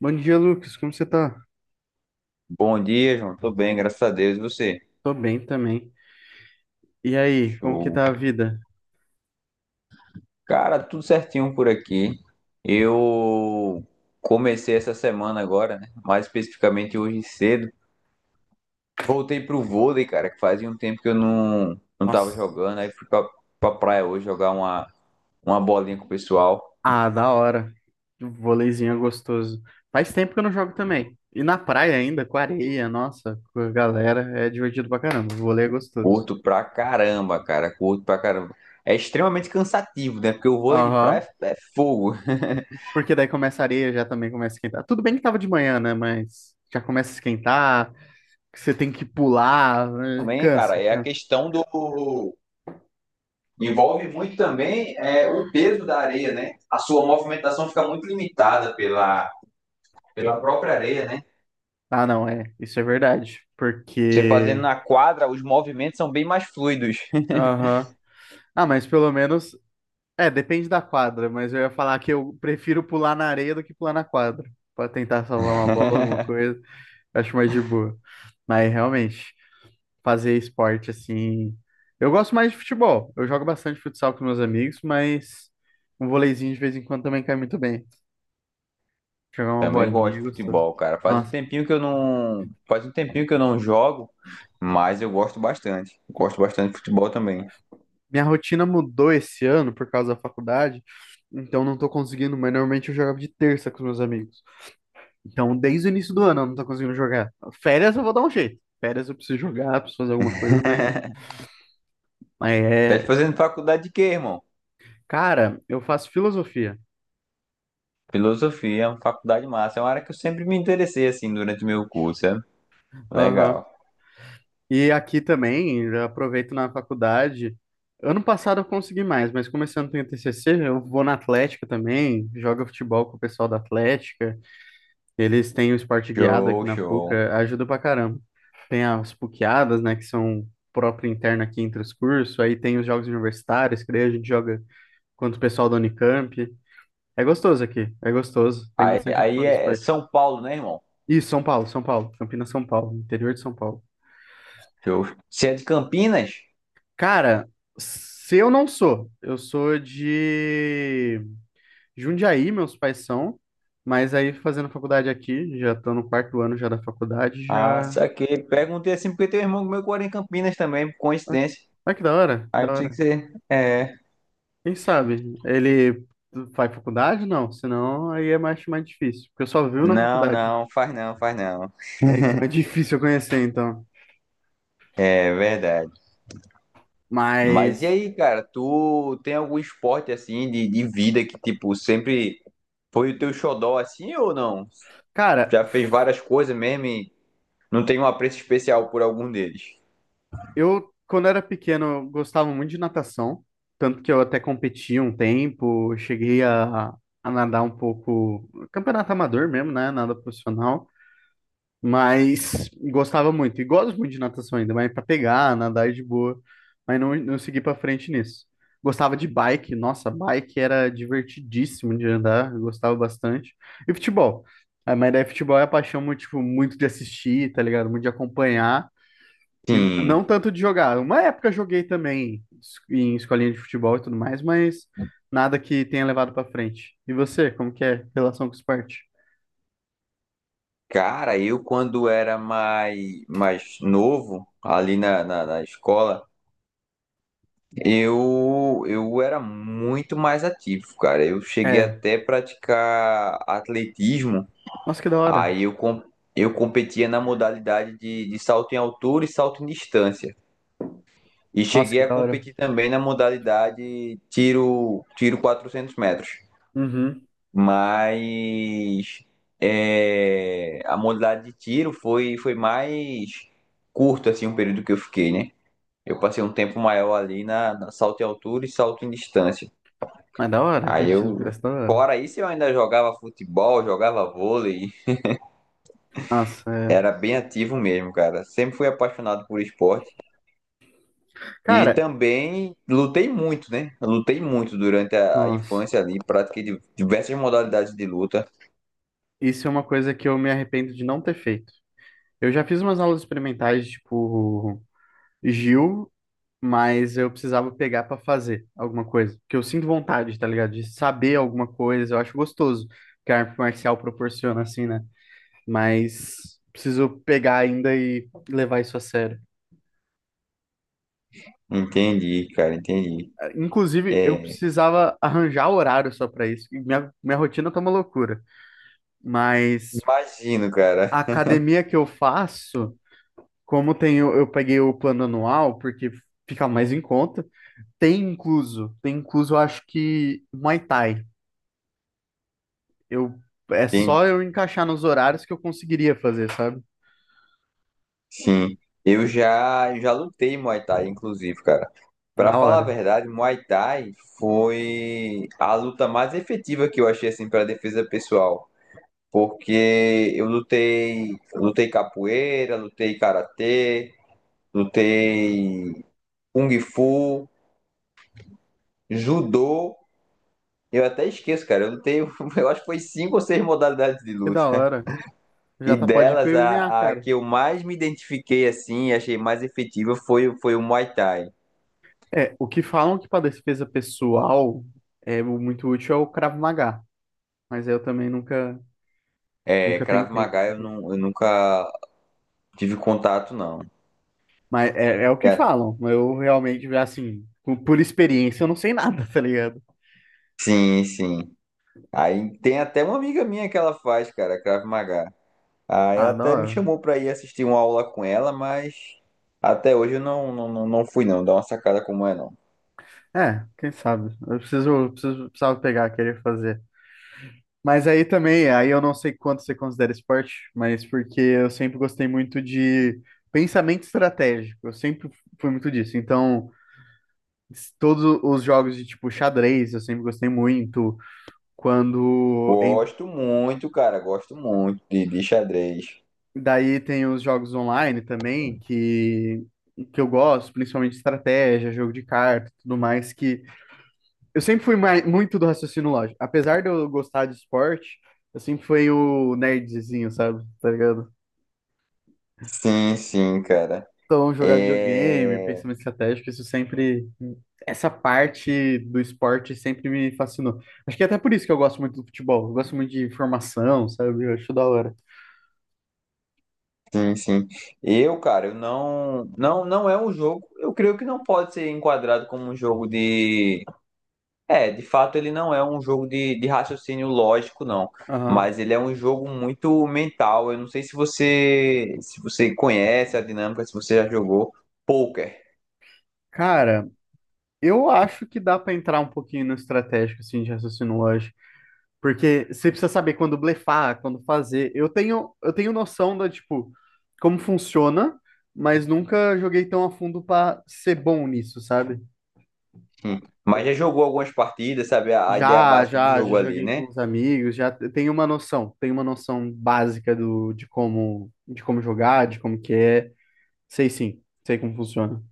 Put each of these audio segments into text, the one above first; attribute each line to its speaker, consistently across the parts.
Speaker 1: Bom dia, Lucas. Como você tá?
Speaker 2: Bom dia, João. Tô bem, graças a Deus. E você?
Speaker 1: Tô bem também. E aí, como que
Speaker 2: Show.
Speaker 1: tá a vida?
Speaker 2: Cara, tudo certinho por aqui. Eu comecei essa semana agora, né? Mais especificamente hoje cedo. Voltei pro vôlei, cara, que fazia um tempo que eu não tava
Speaker 1: Nossa.
Speaker 2: jogando. Aí fui pra praia hoje jogar uma bolinha com o pessoal.
Speaker 1: Ah, da hora. Um voleizinho é gostoso. Faz tempo que eu não jogo também. E na praia ainda, com areia, nossa, com a galera, é divertido pra caramba. Vôlei é gostoso.
Speaker 2: Curto pra caramba, cara. Curto pra caramba. É extremamente cansativo, né? Porque o vôlei de
Speaker 1: Aham.
Speaker 2: praia é fogo.
Speaker 1: Porque daí começa a areia, já também começa a esquentar. Tudo bem que tava de manhã, né? Mas já começa a esquentar, que você tem que pular, né?
Speaker 2: Também, cara,
Speaker 1: Cansa,
Speaker 2: é a
Speaker 1: cansa.
Speaker 2: questão do Envolve muito também é, o peso da areia, né? A sua movimentação fica muito limitada pela própria areia, né?
Speaker 1: Ah, não, é. Isso é verdade.
Speaker 2: Você fazendo
Speaker 1: Porque.
Speaker 2: na quadra, os movimentos são bem mais fluidos.
Speaker 1: Aham. Ah, mas pelo menos é, depende da quadra, mas eu ia falar que eu prefiro pular na areia do que pular na quadra, pra tentar salvar uma bola, alguma coisa, eu acho mais de boa. Mas realmente, fazer esporte assim. Eu gosto mais de futebol, eu jogo bastante futsal com meus amigos, mas um voleizinho de vez em quando também cai muito bem. Jogar uma
Speaker 2: Também
Speaker 1: bolinha,
Speaker 2: gosto
Speaker 1: é
Speaker 2: de
Speaker 1: gostoso.
Speaker 2: futebol, cara. Faz um
Speaker 1: Nossa,
Speaker 2: tempinho que eu não, faz um tempinho que eu não jogo, mas eu gosto bastante. Gosto bastante de futebol também.
Speaker 1: minha rotina mudou esse ano por causa da faculdade, então não tô conseguindo, mas normalmente eu jogava de terça com os meus amigos. Então, desde o início do ano eu não tô conseguindo jogar. Férias eu vou dar um jeito. Férias eu preciso jogar, preciso fazer alguma coisa, mas
Speaker 2: Tá
Speaker 1: é.
Speaker 2: fazendo faculdade de quê, irmão?
Speaker 1: Cara, eu faço filosofia.
Speaker 2: Filosofia, é uma faculdade massa. É uma área que eu sempre me interessei assim durante o meu curso, sabe?
Speaker 1: Aham.
Speaker 2: Legal.
Speaker 1: E aqui também, eu aproveito na faculdade. Ano passado eu consegui mais, mas começando tem o TCC, eu vou na Atlética também, jogo futebol com o pessoal da Atlética. Eles têm o esporte guiado aqui
Speaker 2: Show,
Speaker 1: na PUC,
Speaker 2: show.
Speaker 1: ajuda pra caramba. Tem as PUCadas, né, que são próprio interno aqui entre os cursos, aí tem os jogos universitários, que daí a gente joga quanto o pessoal da Unicamp. É gostoso aqui, é gostoso. Tem
Speaker 2: Aí,
Speaker 1: bastante
Speaker 2: aí
Speaker 1: opção de
Speaker 2: é
Speaker 1: esporte.
Speaker 2: São Paulo, né, irmão?
Speaker 1: Isso, São Paulo, São Paulo, Campinas, São Paulo, interior de São Paulo.
Speaker 2: Show. Se é de Campinas,
Speaker 1: Cara, se eu não sou, eu sou de Jundiaí, meus pais são, mas aí fazendo faculdade aqui, já tô no quarto ano já da faculdade,
Speaker 2: ah,
Speaker 1: já.
Speaker 2: saquei. Perguntei assim porque tem um irmão meu que mora em Campinas também, por
Speaker 1: Ah,
Speaker 2: coincidência.
Speaker 1: ah, que da hora, que
Speaker 2: Aí
Speaker 1: da
Speaker 2: eu pensei que
Speaker 1: hora.
Speaker 2: você. É.
Speaker 1: Quem sabe? Ele faz faculdade? Não, senão aí é mais, mais difícil, porque eu só vivo na
Speaker 2: Não,
Speaker 1: faculdade.
Speaker 2: não, faz não, faz não.
Speaker 1: É, então é difícil eu conhecer, então.
Speaker 2: É verdade. Mas e
Speaker 1: Mas
Speaker 2: aí, cara, tu tem algum esporte assim de vida que, tipo, sempre foi o teu xodó assim ou não?
Speaker 1: cara,
Speaker 2: Já fez várias coisas mesmo e não tem um apreço especial por algum deles?
Speaker 1: eu, quando era pequeno, eu gostava muito de natação, tanto que eu até competi um tempo, cheguei a nadar um pouco, campeonato amador mesmo, né? Nada profissional, mas gostava muito, e gosto muito de natação ainda, mas pra pegar, nadar é de boa, mas não, não segui pra frente nisso. Gostava de bike, nossa, bike era divertidíssimo de andar, eu gostava bastante. E futebol, ah, mas daí futebol é a paixão muito, tipo, muito de assistir, tá ligado? Muito de acompanhar. E não
Speaker 2: Sim.
Speaker 1: tanto de jogar. Uma época eu joguei também em escolinha de futebol e tudo mais, mas nada que tenha levado pra frente. E você, como que é relação com o esporte?
Speaker 2: Cara, eu quando era mais novo, ali na, na escola. Eu era muito mais ativo, cara. Eu cheguei
Speaker 1: É.
Speaker 2: até a praticar atletismo.
Speaker 1: Nossa, que da hora.
Speaker 2: Aí eu, com- eu competia na modalidade de salto em altura e salto em distância. E
Speaker 1: Nossa, que
Speaker 2: cheguei a
Speaker 1: da hora.
Speaker 2: competir também na modalidade tiro, tiro 400 metros.
Speaker 1: Uhum.
Speaker 2: Mas é, a modalidade de tiro foi, foi mais curto assim, o período que eu fiquei, né? Eu passei um tempo maior ali na, na salto em altura e salto em distância.
Speaker 1: Mas da hora,
Speaker 2: Aí
Speaker 1: atletismo
Speaker 2: eu,
Speaker 1: parece da hora.
Speaker 2: fora isso, eu ainda jogava futebol, jogava vôlei,
Speaker 1: Nossa, é.
Speaker 2: era bem ativo mesmo, cara. Sempre fui apaixonado por esporte e
Speaker 1: Cara,
Speaker 2: também lutei muito, né? Eu lutei muito durante a
Speaker 1: nossa.
Speaker 2: infância ali, pratiquei diversas modalidades de luta.
Speaker 1: Isso é uma coisa que eu me arrependo de não ter feito. Eu já fiz umas aulas experimentais, tipo, Gil, mas eu precisava pegar pra fazer alguma coisa. Porque eu sinto vontade, tá ligado? De saber alguma coisa, eu acho gostoso que a arte marcial proporciona, assim, né? Mas preciso pegar ainda e levar isso a sério.
Speaker 2: Entendi, cara, entendi.
Speaker 1: Ah, inclusive, eu
Speaker 2: É,
Speaker 1: precisava arranjar horário só pra isso. E minha rotina tá uma loucura. Mas
Speaker 2: imagino, cara.
Speaker 1: a academia que eu faço, como tem, eu peguei o plano anual, porque fica mais em conta, tem incluso, eu acho que Muay Thai. Eu é
Speaker 2: Tem,
Speaker 1: só eu encaixar nos horários que eu conseguiria fazer, sabe?
Speaker 2: sim. Eu já lutei Muay Thai, inclusive, cara. Pra
Speaker 1: Da
Speaker 2: falar a
Speaker 1: hora.
Speaker 2: verdade, Muay Thai foi a luta mais efetiva que eu achei assim para defesa pessoal. Porque eu lutei, lutei capoeira, lutei karatê, lutei kung fu, judô. Eu até esqueço, cara. Eu lutei, eu acho que foi cinco ou seis modalidades de
Speaker 1: Que da
Speaker 2: luta.
Speaker 1: hora. Já
Speaker 2: E
Speaker 1: tá, pode ir pro
Speaker 2: delas,
Speaker 1: MMA,
Speaker 2: a
Speaker 1: cara.
Speaker 2: que eu mais me identifiquei assim e achei mais efetiva foi, foi o Muay Thai.
Speaker 1: É, o que falam que pra defesa pessoal é o muito útil é o Krav Maga, mas eu também nunca
Speaker 2: É,
Speaker 1: nunca
Speaker 2: Krav
Speaker 1: tentei.
Speaker 2: Maga eu nunca tive contato, não.
Speaker 1: Mas é, é o que
Speaker 2: É,
Speaker 1: falam. Eu realmente já assim, por experiência, eu não sei nada, tá ligado?
Speaker 2: sim, sim. Aí tem até uma amiga minha que ela faz, cara, Krav Maga. Aí ela
Speaker 1: Ah, da
Speaker 2: até me
Speaker 1: hora.
Speaker 2: chamou pra ir assistir uma aula com ela, mas até hoje eu não fui não, dá uma sacada como é não.
Speaker 1: É, quem sabe. Eu preciso, preciso, precisava pegar, querer fazer. Mas aí também, aí eu não sei quanto você considera esporte, mas porque eu sempre gostei muito de pensamento estratégico, eu sempre fui muito disso. Então, todos os jogos de tipo xadrez, eu sempre gostei muito. Quando em-
Speaker 2: Gosto muito, cara, gosto muito de xadrez.
Speaker 1: Daí tem os jogos online também que eu gosto, principalmente estratégia, jogo de carta, tudo mais que eu sempre fui muito do raciocínio lógico. Apesar de eu gostar de esporte, eu sempre fui o nerdzinho, sabe? Tá ligado?
Speaker 2: Sim, sim, cara.
Speaker 1: Então, jogar videogame,
Speaker 2: É...
Speaker 1: pensamento estratégico, isso sempre. Essa parte do esporte sempre me fascinou. Acho que é até por isso que eu gosto muito do futebol. Eu gosto muito de formação, sabe? Eu acho da hora.
Speaker 2: Sim, sim. Eu, cara, eu não é um jogo, eu creio que não pode ser enquadrado como um jogo de É, de fato ele não é um jogo de raciocínio lógico, não.
Speaker 1: Aham.
Speaker 2: Mas ele é um jogo muito mental. Eu não sei se você se você conhece a dinâmica, se você já jogou poker.
Speaker 1: Cara, eu acho que dá pra entrar um pouquinho no estratégico, assim, de raciocínio lógico. Porque você precisa saber quando blefar, quando fazer. Eu tenho noção da, tipo, como funciona, mas nunca joguei tão a fundo pra ser bom nisso, sabe?
Speaker 2: Hum. Mas já jogou algumas partidas, sabe? A ideia
Speaker 1: Já,
Speaker 2: básica do
Speaker 1: já, já
Speaker 2: jogo ali,
Speaker 1: joguei com
Speaker 2: né?
Speaker 1: os amigos, já tenho uma noção básica do, de como jogar, de como que é. Sei sim, sei como funciona.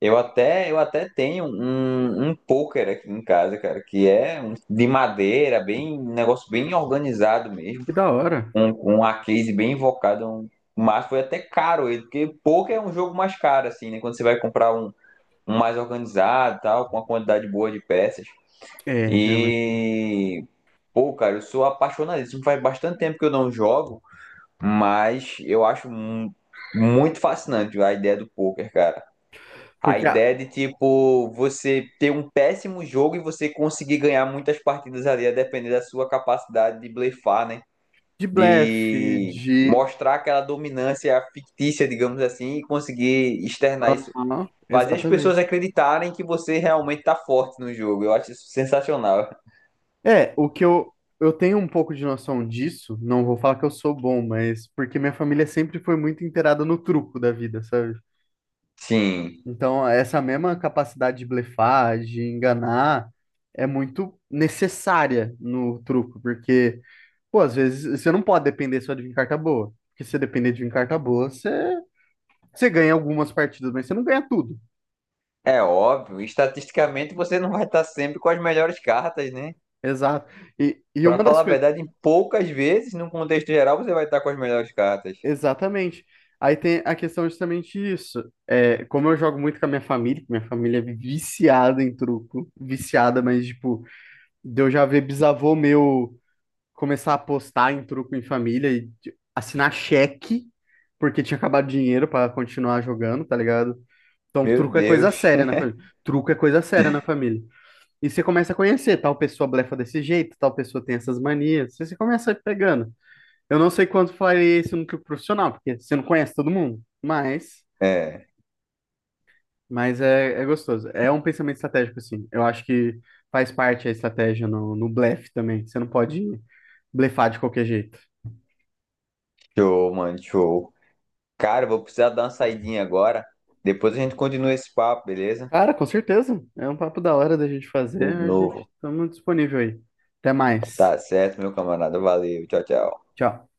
Speaker 2: Eu até tenho um, um poker aqui em casa, cara, que é de madeira, bem, um negócio bem organizado mesmo,
Speaker 1: Que da hora.
Speaker 2: um a case bem invocado, mas foi até caro ele, porque poker é um jogo mais caro, assim, né? Quando você vai comprar um, um mais organizado, tal, com uma quantidade boa de peças.
Speaker 1: É, realmente.
Speaker 2: E, pô, cara, eu sou apaixonadíssimo. Faz bastante tempo que eu não jogo, mas eu acho muito fascinante a ideia do poker, cara. A
Speaker 1: Porque a-
Speaker 2: ideia de, tipo, você ter um péssimo jogo e você conseguir ganhar muitas partidas ali, a depender da sua capacidade de blefar, né?
Speaker 1: de blefe,
Speaker 2: De
Speaker 1: de.
Speaker 2: mostrar aquela dominância fictícia, digamos assim, e conseguir externar isso.
Speaker 1: Aham,
Speaker 2: Fazer as pessoas
Speaker 1: exatamente.
Speaker 2: acreditarem que você realmente tá forte no jogo. Eu acho isso sensacional.
Speaker 1: É, o que eu, eu tenho um pouco de noção disso, não vou falar que eu sou bom, mas porque minha família sempre foi muito inteirada no truco da vida, sabe?
Speaker 2: Sim,
Speaker 1: Então, essa mesma capacidade de blefar, de enganar, é muito necessária no truco, porque, pô, às vezes você não pode depender só de vir carta boa, porque se você depender de vir carta boa, você, você ganha algumas partidas, mas você não ganha tudo.
Speaker 2: é óbvio. Estatisticamente você não vai estar sempre com as melhores cartas, né?
Speaker 1: Exato. E
Speaker 2: Pra
Speaker 1: uma
Speaker 2: falar
Speaker 1: das
Speaker 2: a
Speaker 1: coisas.
Speaker 2: verdade, em poucas vezes, num contexto geral, você vai estar com as melhores cartas.
Speaker 1: Exatamente. Aí tem a questão justamente disso. É, como eu jogo muito com a minha família, que minha família é viciada em truco, viciada, mas tipo, de eu já ver bisavô meu começar a apostar em truco em família e assinar cheque, porque tinha acabado o dinheiro pra continuar jogando, tá ligado? Então,
Speaker 2: Meu
Speaker 1: truco é coisa
Speaker 2: Deus.
Speaker 1: séria na família. Truco é coisa séria na família. E você começa a conhecer, tal pessoa blefa desse jeito, tal pessoa tem essas manias. Você começa pegando. Eu não sei quanto faria isso no clube profissional, porque você não conhece todo mundo,
Speaker 2: É,
Speaker 1: mas é, é gostoso. É um pensamento estratégico, assim. Eu acho que faz parte a estratégia no, no blefe também. Você não pode blefar de qualquer jeito.
Speaker 2: show, mano, show. Cara, eu vou precisar dar uma saidinha agora. Depois a gente continua esse papo, beleza?
Speaker 1: Cara, com certeza. É um papo da hora da gente fazer.
Speaker 2: O
Speaker 1: A
Speaker 2: novo.
Speaker 1: gente estamos disponível aí. Até mais.
Speaker 2: Tá certo, meu camarada. Valeu. Tchau, tchau.
Speaker 1: Tchau.